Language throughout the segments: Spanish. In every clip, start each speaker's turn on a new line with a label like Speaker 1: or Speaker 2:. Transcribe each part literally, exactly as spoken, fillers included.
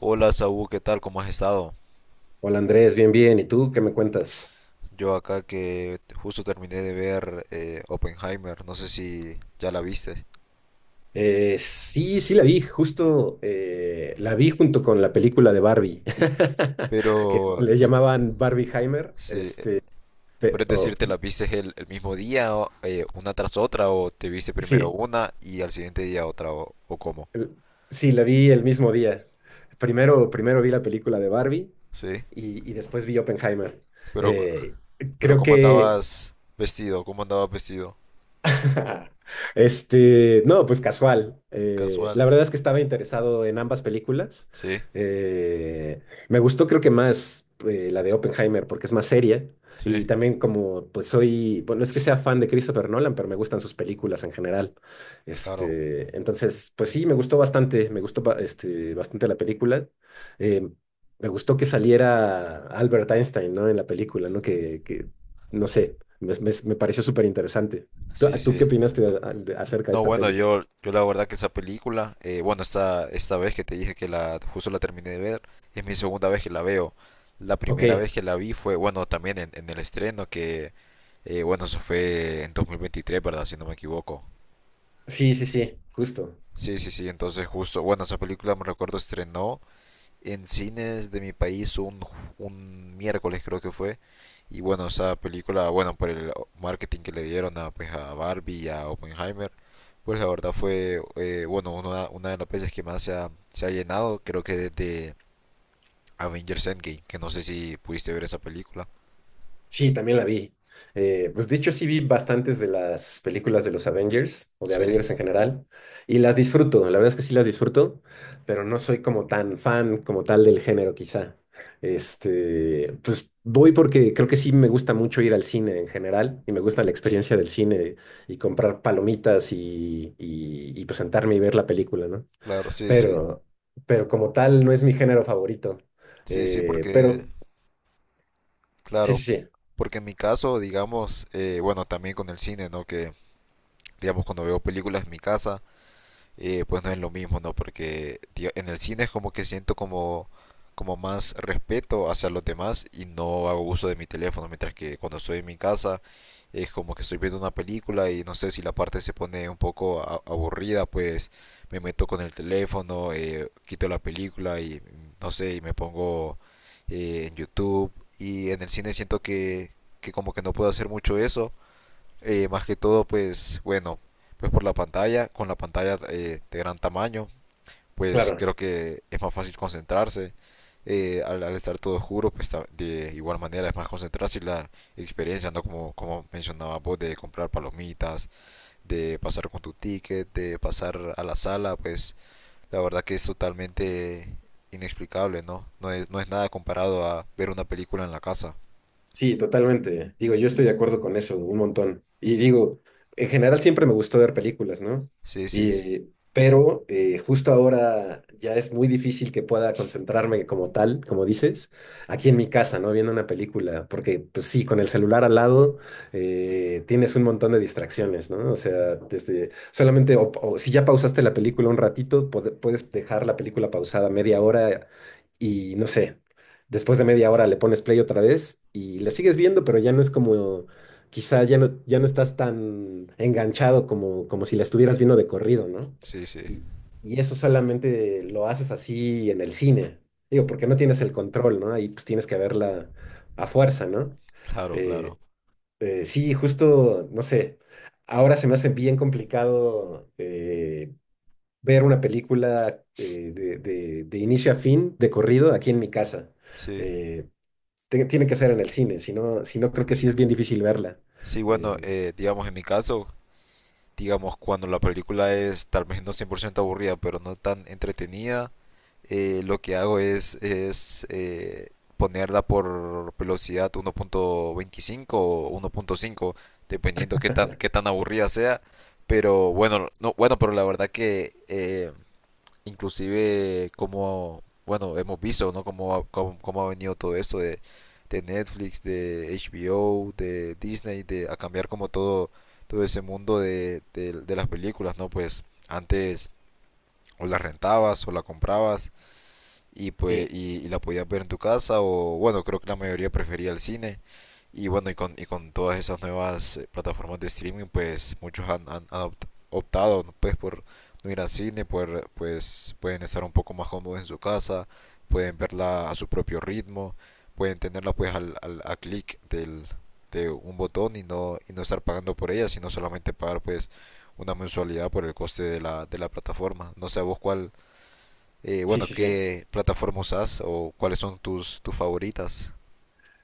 Speaker 1: Hola Saúl, ¿qué tal? ¿Cómo has estado?
Speaker 2: Hola Andrés, bien, bien. ¿Y tú qué me cuentas?
Speaker 1: Yo acá que justo terminé de ver eh, Oppenheimer, no sé si ya la viste,
Speaker 2: Eh, sí, sí la vi, justo eh, la vi junto con la película de Barbie, que
Speaker 1: pero
Speaker 2: le
Speaker 1: eh,
Speaker 2: llamaban Barbieheimer.
Speaker 1: sí, eh,
Speaker 2: Este, pe-
Speaker 1: puedes
Speaker 2: o-
Speaker 1: decirte, ¿la viste el, el mismo día, o, eh, una tras otra, o te viste primero
Speaker 2: sí,
Speaker 1: una y al siguiente día otra, o, o cómo?
Speaker 2: el- sí, la vi el mismo día. Primero, primero vi la película de Barbie
Speaker 1: Sí,
Speaker 2: y, y después vi Oppenheimer.
Speaker 1: pero, cu-
Speaker 2: Eh,
Speaker 1: pero
Speaker 2: creo
Speaker 1: ¿cómo
Speaker 2: que
Speaker 1: andabas vestido? ¿Cómo andabas vestido?
Speaker 2: Este, no, pues casual. Eh,
Speaker 1: Casual.
Speaker 2: la verdad es que estaba interesado en ambas películas.
Speaker 1: Sí,
Speaker 2: Eh, Me gustó creo que más eh, la de Oppenheimer porque es más seria
Speaker 1: sí,
Speaker 2: y también como pues soy, bueno, no es que sea fan de Christopher Nolan, pero me gustan sus películas en general.
Speaker 1: claro.
Speaker 2: Este, entonces, pues sí, me gustó bastante, me gustó ba- este, bastante la película. Eh, Me gustó que saliera Albert Einstein, ¿no? En la película, ¿no? Que, que no sé, me, me me pareció súper interesante. ¿Tú,
Speaker 1: Sí,
Speaker 2: tú qué
Speaker 1: sí.
Speaker 2: opinaste de- de- acerca de
Speaker 1: No,
Speaker 2: esta
Speaker 1: bueno,
Speaker 2: peli?
Speaker 1: yo, yo la verdad que esa película, eh, bueno, esta, esta vez que te dije que la, justo la terminé de ver, es mi segunda vez que la veo. La
Speaker 2: Ok,
Speaker 1: primera vez que la vi fue, bueno, también en, en el estreno, que, eh, bueno, eso fue en dos mil veintitrés, ¿verdad? Si no me equivoco.
Speaker 2: sí, sí, sí, justo.
Speaker 1: Sí, sí, sí, entonces justo, bueno, esa película me recuerdo estrenó en cines de mi país un, un miércoles creo que fue. Y bueno, esa película, bueno, por el marketing que le dieron a, pues, a Barbie y a Oppenheimer, pues la verdad fue, eh, bueno, una, una de las veces que más se ha, se ha llenado, creo que desde Avengers Endgame, que no sé si pudiste ver esa película.
Speaker 2: Sí, también la vi. Eh, pues dicho, sí vi bastantes de las películas de los Avengers o de
Speaker 1: Sí,
Speaker 2: Avengers en general y las disfruto, la verdad es que sí las disfruto, pero no soy como tan fan como tal del género quizá. Este, pues voy porque creo que sí me gusta mucho ir al cine en general y me gusta la experiencia del cine y comprar palomitas y, y, y pues sentarme y ver la película, ¿no?
Speaker 1: claro, sí, sí.
Speaker 2: pero, pero como tal no es mi género favorito.
Speaker 1: Sí, sí,
Speaker 2: Eh,
Speaker 1: porque,
Speaker 2: pero sí,
Speaker 1: claro,
Speaker 2: sí, sí,
Speaker 1: porque en mi caso, digamos, eh, bueno, también con el cine, ¿no? Que, digamos, cuando veo películas en mi casa, eh, pues no es lo mismo, ¿no? Porque tío, en el cine es como que siento como, como más respeto hacia los demás y no hago uso de mi teléfono, mientras que cuando estoy en mi casa es como que estoy viendo una película y no sé si la parte se pone un poco a- aburrida, pues me meto con el teléfono, eh, quito la película y no sé, y me pongo eh, en YouTube y en el cine siento que, que como que no puedo hacer mucho eso, eh, más que todo, pues bueno, pues por la pantalla, con la pantalla eh, de gran tamaño, pues
Speaker 2: claro.
Speaker 1: creo que es más fácil concentrarse. Eh, al, al estar todo oscuro, pues ta- de igual manera es más concentrarse y la experiencia, ¿no? Como, como mencionaba vos, de comprar palomitas, de pasar con tu ticket, de pasar a la sala, pues la verdad que es totalmente inexplicable, ¿no? No es, no es nada comparado a ver una película en la casa.
Speaker 2: Sí, totalmente. Digo, yo estoy de acuerdo con eso, un montón. Y digo, en general siempre me gustó ver películas, ¿no?
Speaker 1: Sí, sí,
Speaker 2: Y, eh, pero eh, justo ahora ya es muy difícil que pueda concentrarme como tal, como dices, aquí en mi casa, ¿no? Viendo una película, porque pues sí, con el celular al lado eh, tienes un montón de distracciones, ¿no? O sea, desde solamente, o, o si ya pausaste la película un ratito, pode- puedes dejar la película pausada media hora y no sé. Después de media hora le pones play otra vez y le sigues viendo, pero ya no es como, quizá ya no, ya no estás tan enganchado como, como si la estuvieras viendo de corrido, ¿no?
Speaker 1: sí, sí,
Speaker 2: Y, y eso solamente lo haces así en el cine, digo, porque no tienes el control, ¿no? Ahí pues tienes que verla a fuerza, ¿no?
Speaker 1: claro, claro.
Speaker 2: Eh, eh, sí, justo, no sé, ahora se me hace bien complicado eh, ver una película eh, de, de- de inicio a fin, de corrido, aquí en mi casa.
Speaker 1: Sí.
Speaker 2: Eh, te- Tiene que ser en el cine, si no, si no creo que sí es bien difícil verla.
Speaker 1: Sí, bueno,
Speaker 2: Eh,
Speaker 1: eh, digamos en mi caso, digamos cuando la película es tal vez no cien por ciento aburrida, pero no tan entretenida, eh, lo que hago es, es, eh, ponerla por velocidad uno punto veinticinco o uno punto cinco, dependiendo qué tan, qué tan aburrida sea. Pero bueno, no, bueno, pero la verdad que eh, inclusive como, bueno, hemos visto, ¿no? Cómo, ha- cómo, cómo ha venido todo esto de, de, Netflix, de H B O, de Disney, de, a cambiar como todo, todo, ese mundo de, de, de las películas, ¿no? Pues antes o las rentabas o la comprabas y, pues,
Speaker 2: sí,
Speaker 1: y, y la podías ver en tu casa o bueno, creo que la mayoría prefería el cine. Y bueno, y con, y con todas esas nuevas eh, plataformas de streaming, pues muchos han, han- han opt- optado ¿no? pues por no ir al cine, por, pues pueden estar un poco más cómodos en su casa, pueden verla a su propio ritmo, pueden tenerla pues al, al- a clic del, de un botón y no, y no, estar pagando por ella, sino solamente pagar pues una mensualidad por el coste de la, de la plataforma. No sé, ¿a vos cuál, eh,
Speaker 2: sí,
Speaker 1: bueno,
Speaker 2: sí, sí.
Speaker 1: qué plataforma usas o cuáles son tus, tus favoritas?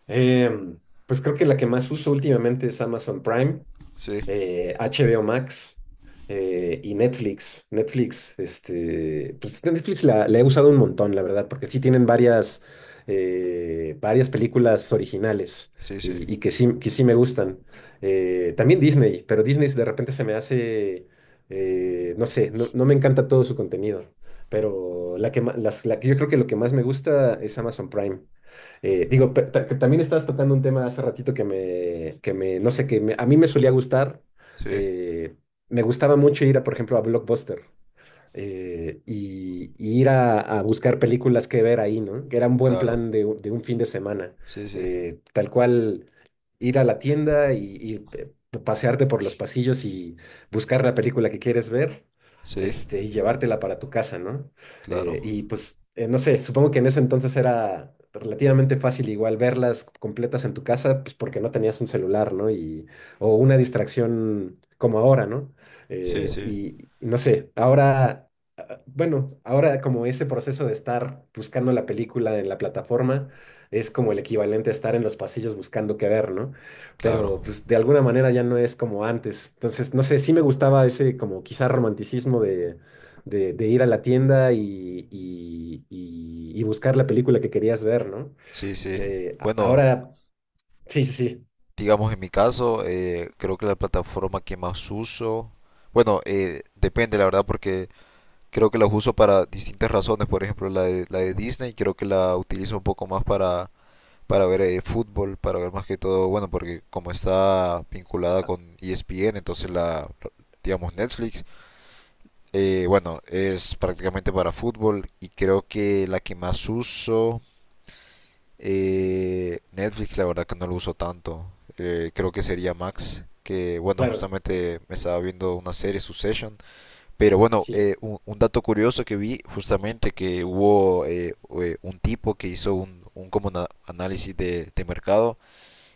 Speaker 2: Em, pues creo que la que más uso últimamente es Amazon Prime,
Speaker 1: Sí,
Speaker 2: eh, H B O Max eh, y Netflix. Netflix, este, pues Netflix la, la he usado un montón, la verdad, porque sí tienen varias, eh, varias películas originales
Speaker 1: sí, sí,
Speaker 2: y, y que sí, que sí me gustan. Eh, también Disney, pero Disney de repente se me hace, eh, no sé, no, no me encanta todo su contenido. Pero la que, ma- las, la que yo creo que lo que más me gusta es Amazon Prime. Eh, digo, pe- ta- que también estabas tocando un tema hace ratito que me, que me, no sé, que me- a mí me solía gustar.
Speaker 1: sí,
Speaker 2: Eh, me gustaba mucho ir a, por ejemplo, a Blockbuster eh, y, y ir a, a buscar películas que ver ahí, ¿no? Que era un buen
Speaker 1: claro.
Speaker 2: plan de, u- de un fin de semana.
Speaker 1: Sí, sí,
Speaker 2: Eh, tal cual, ir a la tienda y, y, pe- pasearte por los pasillos y buscar la película que quieres ver,
Speaker 1: sí,
Speaker 2: este, y llevártela para tu casa, ¿no? Eh,
Speaker 1: claro.
Speaker 2: y pues, eh, no sé, supongo que en ese entonces era relativamente fácil igual verlas completas en tu casa, pues porque no tenías un celular, ¿no? Y, o una distracción como ahora, ¿no?
Speaker 1: Sí,
Speaker 2: Eh,
Speaker 1: sí,
Speaker 2: y y no sé, ahora... ah, ah, Bueno, ahora como ese proceso de estar buscando la película en la plataforma, es como el equivalente a estar en los pasillos buscando qué ver, ¿no? Pero
Speaker 1: claro.
Speaker 2: pues de alguna manera ya no es como antes. Entonces, no sé, sí me gustaba ese como quizá romanticismo de, de, de ir a la tienda y, y, y- y buscar la película que querías ver, ¿no?
Speaker 1: Sí, sí.
Speaker 2: Eh, a-
Speaker 1: Bueno,
Speaker 2: ahora, sí, sí, sí,
Speaker 1: digamos en mi caso, eh, creo que la plataforma que más uso, bueno, eh, depende la verdad porque creo que las uso para distintas razones. Por ejemplo, la de, la de Disney creo que la utilizo un poco más para para ver eh, fútbol, para ver más que todo, bueno, porque como está vinculada con E S P N, entonces la, digamos, Netflix, eh, bueno, es prácticamente para fútbol y creo que la que más uso, eh, Netflix, la verdad que no lo uso tanto, eh, creo que sería Max. Que bueno,
Speaker 2: claro,
Speaker 1: justamente me estaba viendo una serie, Succession. Pero bueno,
Speaker 2: sí,
Speaker 1: eh, un, un dato curioso que vi, justamente que hubo eh, eh, un tipo que hizo un, un como na- análisis de, de mercado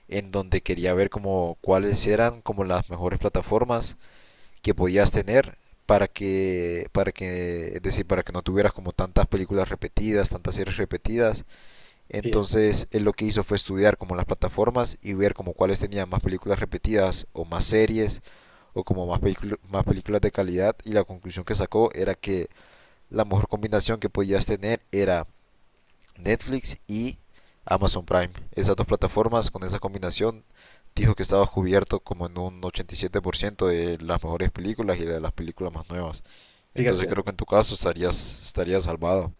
Speaker 1: en donde quería ver como cuáles eran como las mejores plataformas que podías tener para que para que es decir para que no tuvieras como tantas películas repetidas tantas series repetidas
Speaker 2: sí,
Speaker 1: entonces él lo que hizo fue estudiar como las plataformas y ver como cuáles tenían más películas repetidas o más series o como más, películas más películas de calidad y la conclusión que sacó era que la mejor combinación que podías tener era Netflix y Amazon Prime. Esas dos plataformas con esa combinación dijo que estaba cubierto como en un ochenta y siete por ciento de las mejores películas y de las películas más nuevas. Entonces creo
Speaker 2: fíjate.
Speaker 1: que en tu caso estarías, estarías salvado.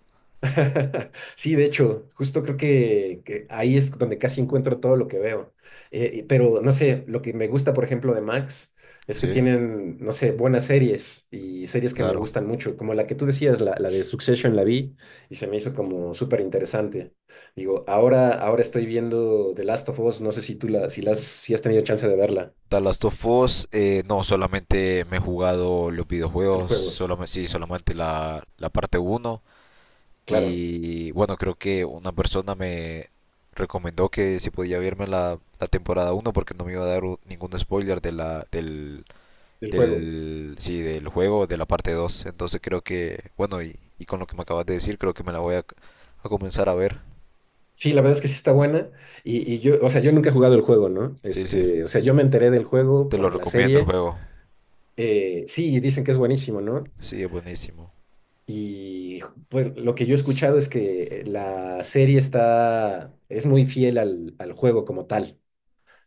Speaker 2: Sí, de hecho, justo creo que, que ahí es donde casi encuentro todo lo que veo. Eh, y- pero no sé, lo que me gusta, por ejemplo, de Max es que
Speaker 1: Sí,
Speaker 2: tienen, no sé, buenas series y series que me
Speaker 1: claro.
Speaker 2: gustan mucho, como la que tú decías, la, la de Succession la vi y se me hizo como súper interesante. Digo, ahora, ahora estoy viendo The Last of Us, no sé si tú la, si la, has- si has tenido chance de verla,
Speaker 1: The Last of Us, eh, no, solamente me he jugado los
Speaker 2: el
Speaker 1: videojuegos,
Speaker 2: juego es,
Speaker 1: solamente, sí, solamente la, la parte uno.
Speaker 2: claro,
Speaker 1: Y bueno, creo que una persona me recomendó que si podía verme la, la temporada uno porque no me iba a dar u- ningún spoiler de la, del,
Speaker 2: el juego.
Speaker 1: del, sí, del juego, de la parte dos. Entonces creo que, bueno, y, y con lo que me acabas de decir, creo que me la voy a, a comenzar a ver.
Speaker 2: Sí, la verdad es que sí está buena. Y, y yo, o sea, yo nunca he jugado el juego, ¿no?
Speaker 1: Sí, sí,
Speaker 2: Este, o sea, yo me enteré del juego
Speaker 1: te lo
Speaker 2: por la
Speaker 1: recomiendo el
Speaker 2: serie.
Speaker 1: juego.
Speaker 2: Eh, sí, dicen que es buenísimo, ¿no?
Speaker 1: Sí, es buenísimo.
Speaker 2: Y pues lo que yo he escuchado es que eh, la serie está, es muy fiel al, al juego como tal.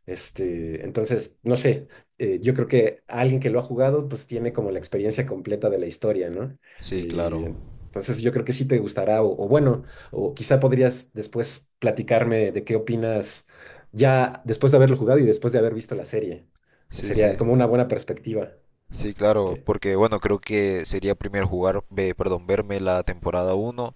Speaker 2: Este, entonces, no sé, eh, yo creo que alguien que lo ha jugado, pues tiene como la experiencia completa de la historia, ¿no?
Speaker 1: Sí, claro.
Speaker 2: Eh, entonces, yo creo que sí te gustará, o, o bueno, o quizá podrías después platicarme de qué opinas ya después de haberlo jugado y después de haber visto la serie.
Speaker 1: Sí,
Speaker 2: Sería
Speaker 1: sí.
Speaker 2: como una buena perspectiva.
Speaker 1: Sí, claro,
Speaker 2: eh,
Speaker 1: porque bueno, creo que sería primero jugar, ve, perdón, verme la temporada uno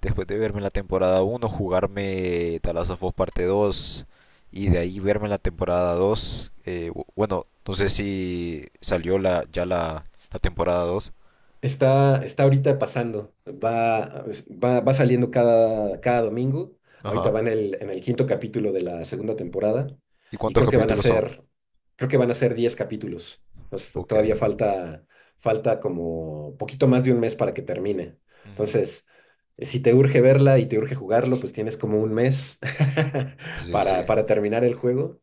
Speaker 1: después de verme la temporada uno jugarme Talazofos parte dos y de ahí verme la temporada dos eh, bu- bueno, no sé si salió la, ya la, la temporada dos.
Speaker 2: Está, está ahorita pasando, va, va, va saliendo cada, cada domingo. Ahorita
Speaker 1: Ajá.
Speaker 2: van en el, en el quinto capítulo de la segunda temporada
Speaker 1: ¿Y
Speaker 2: y
Speaker 1: cuántos
Speaker 2: creo que van a
Speaker 1: capítulos son?
Speaker 2: ser, creo que van a ser diez capítulos. Entonces, to-
Speaker 1: Ok.
Speaker 2: todavía falta, falta como poquito más de un mes para que termine.
Speaker 1: Ujú.
Speaker 2: Entonces, eh, si te urge verla y te urge jugarlo, pues tienes como un mes
Speaker 1: Sí, sí.
Speaker 2: para, para terminar el juego.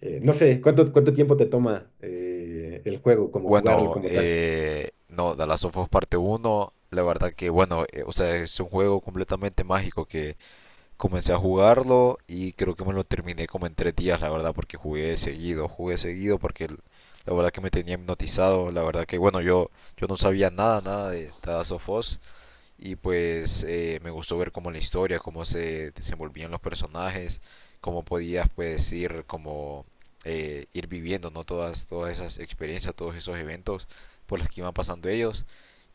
Speaker 2: Eh, no sé, ¿cuánto, cuánto tiempo te toma eh, el juego, como jugarlo
Speaker 1: Bueno,
Speaker 2: como tal?
Speaker 1: eh, no, The Last of Us parte uno la verdad que, bueno, eh, o sea, es un juego completamente mágico que comencé a jugarlo y creo que me lo terminé como en tres días, la verdad, porque jugué seguido, jugué seguido porque el- la verdad que me tenía hipnotizado, la verdad que bueno, yo, yo no sabía nada, nada de Tada Sofos y pues eh, me gustó ver como la historia, cómo se desenvolvían los personajes, cómo podías pues ir como eh, ir viviendo, ¿no? Todas, todas esas experiencias, todos esos eventos por los que iban pasando ellos.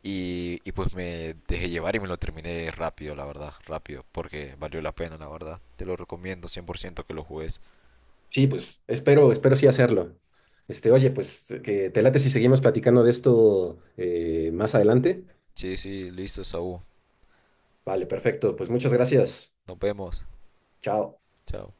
Speaker 1: Y, y pues me dejé llevar y me lo terminé rápido, la verdad, rápido, porque valió la pena, la verdad. Te lo recomiendo cien por ciento que lo juegues.
Speaker 2: Sí, pues espero, espero sí hacerlo. Este, oye, pues que te late si seguimos platicando de esto eh, más adelante.
Speaker 1: Sí, sí, listo, Saúl.
Speaker 2: Vale, perfecto. Pues muchas gracias.
Speaker 1: Nos vemos.
Speaker 2: Chao.
Speaker 1: Chao.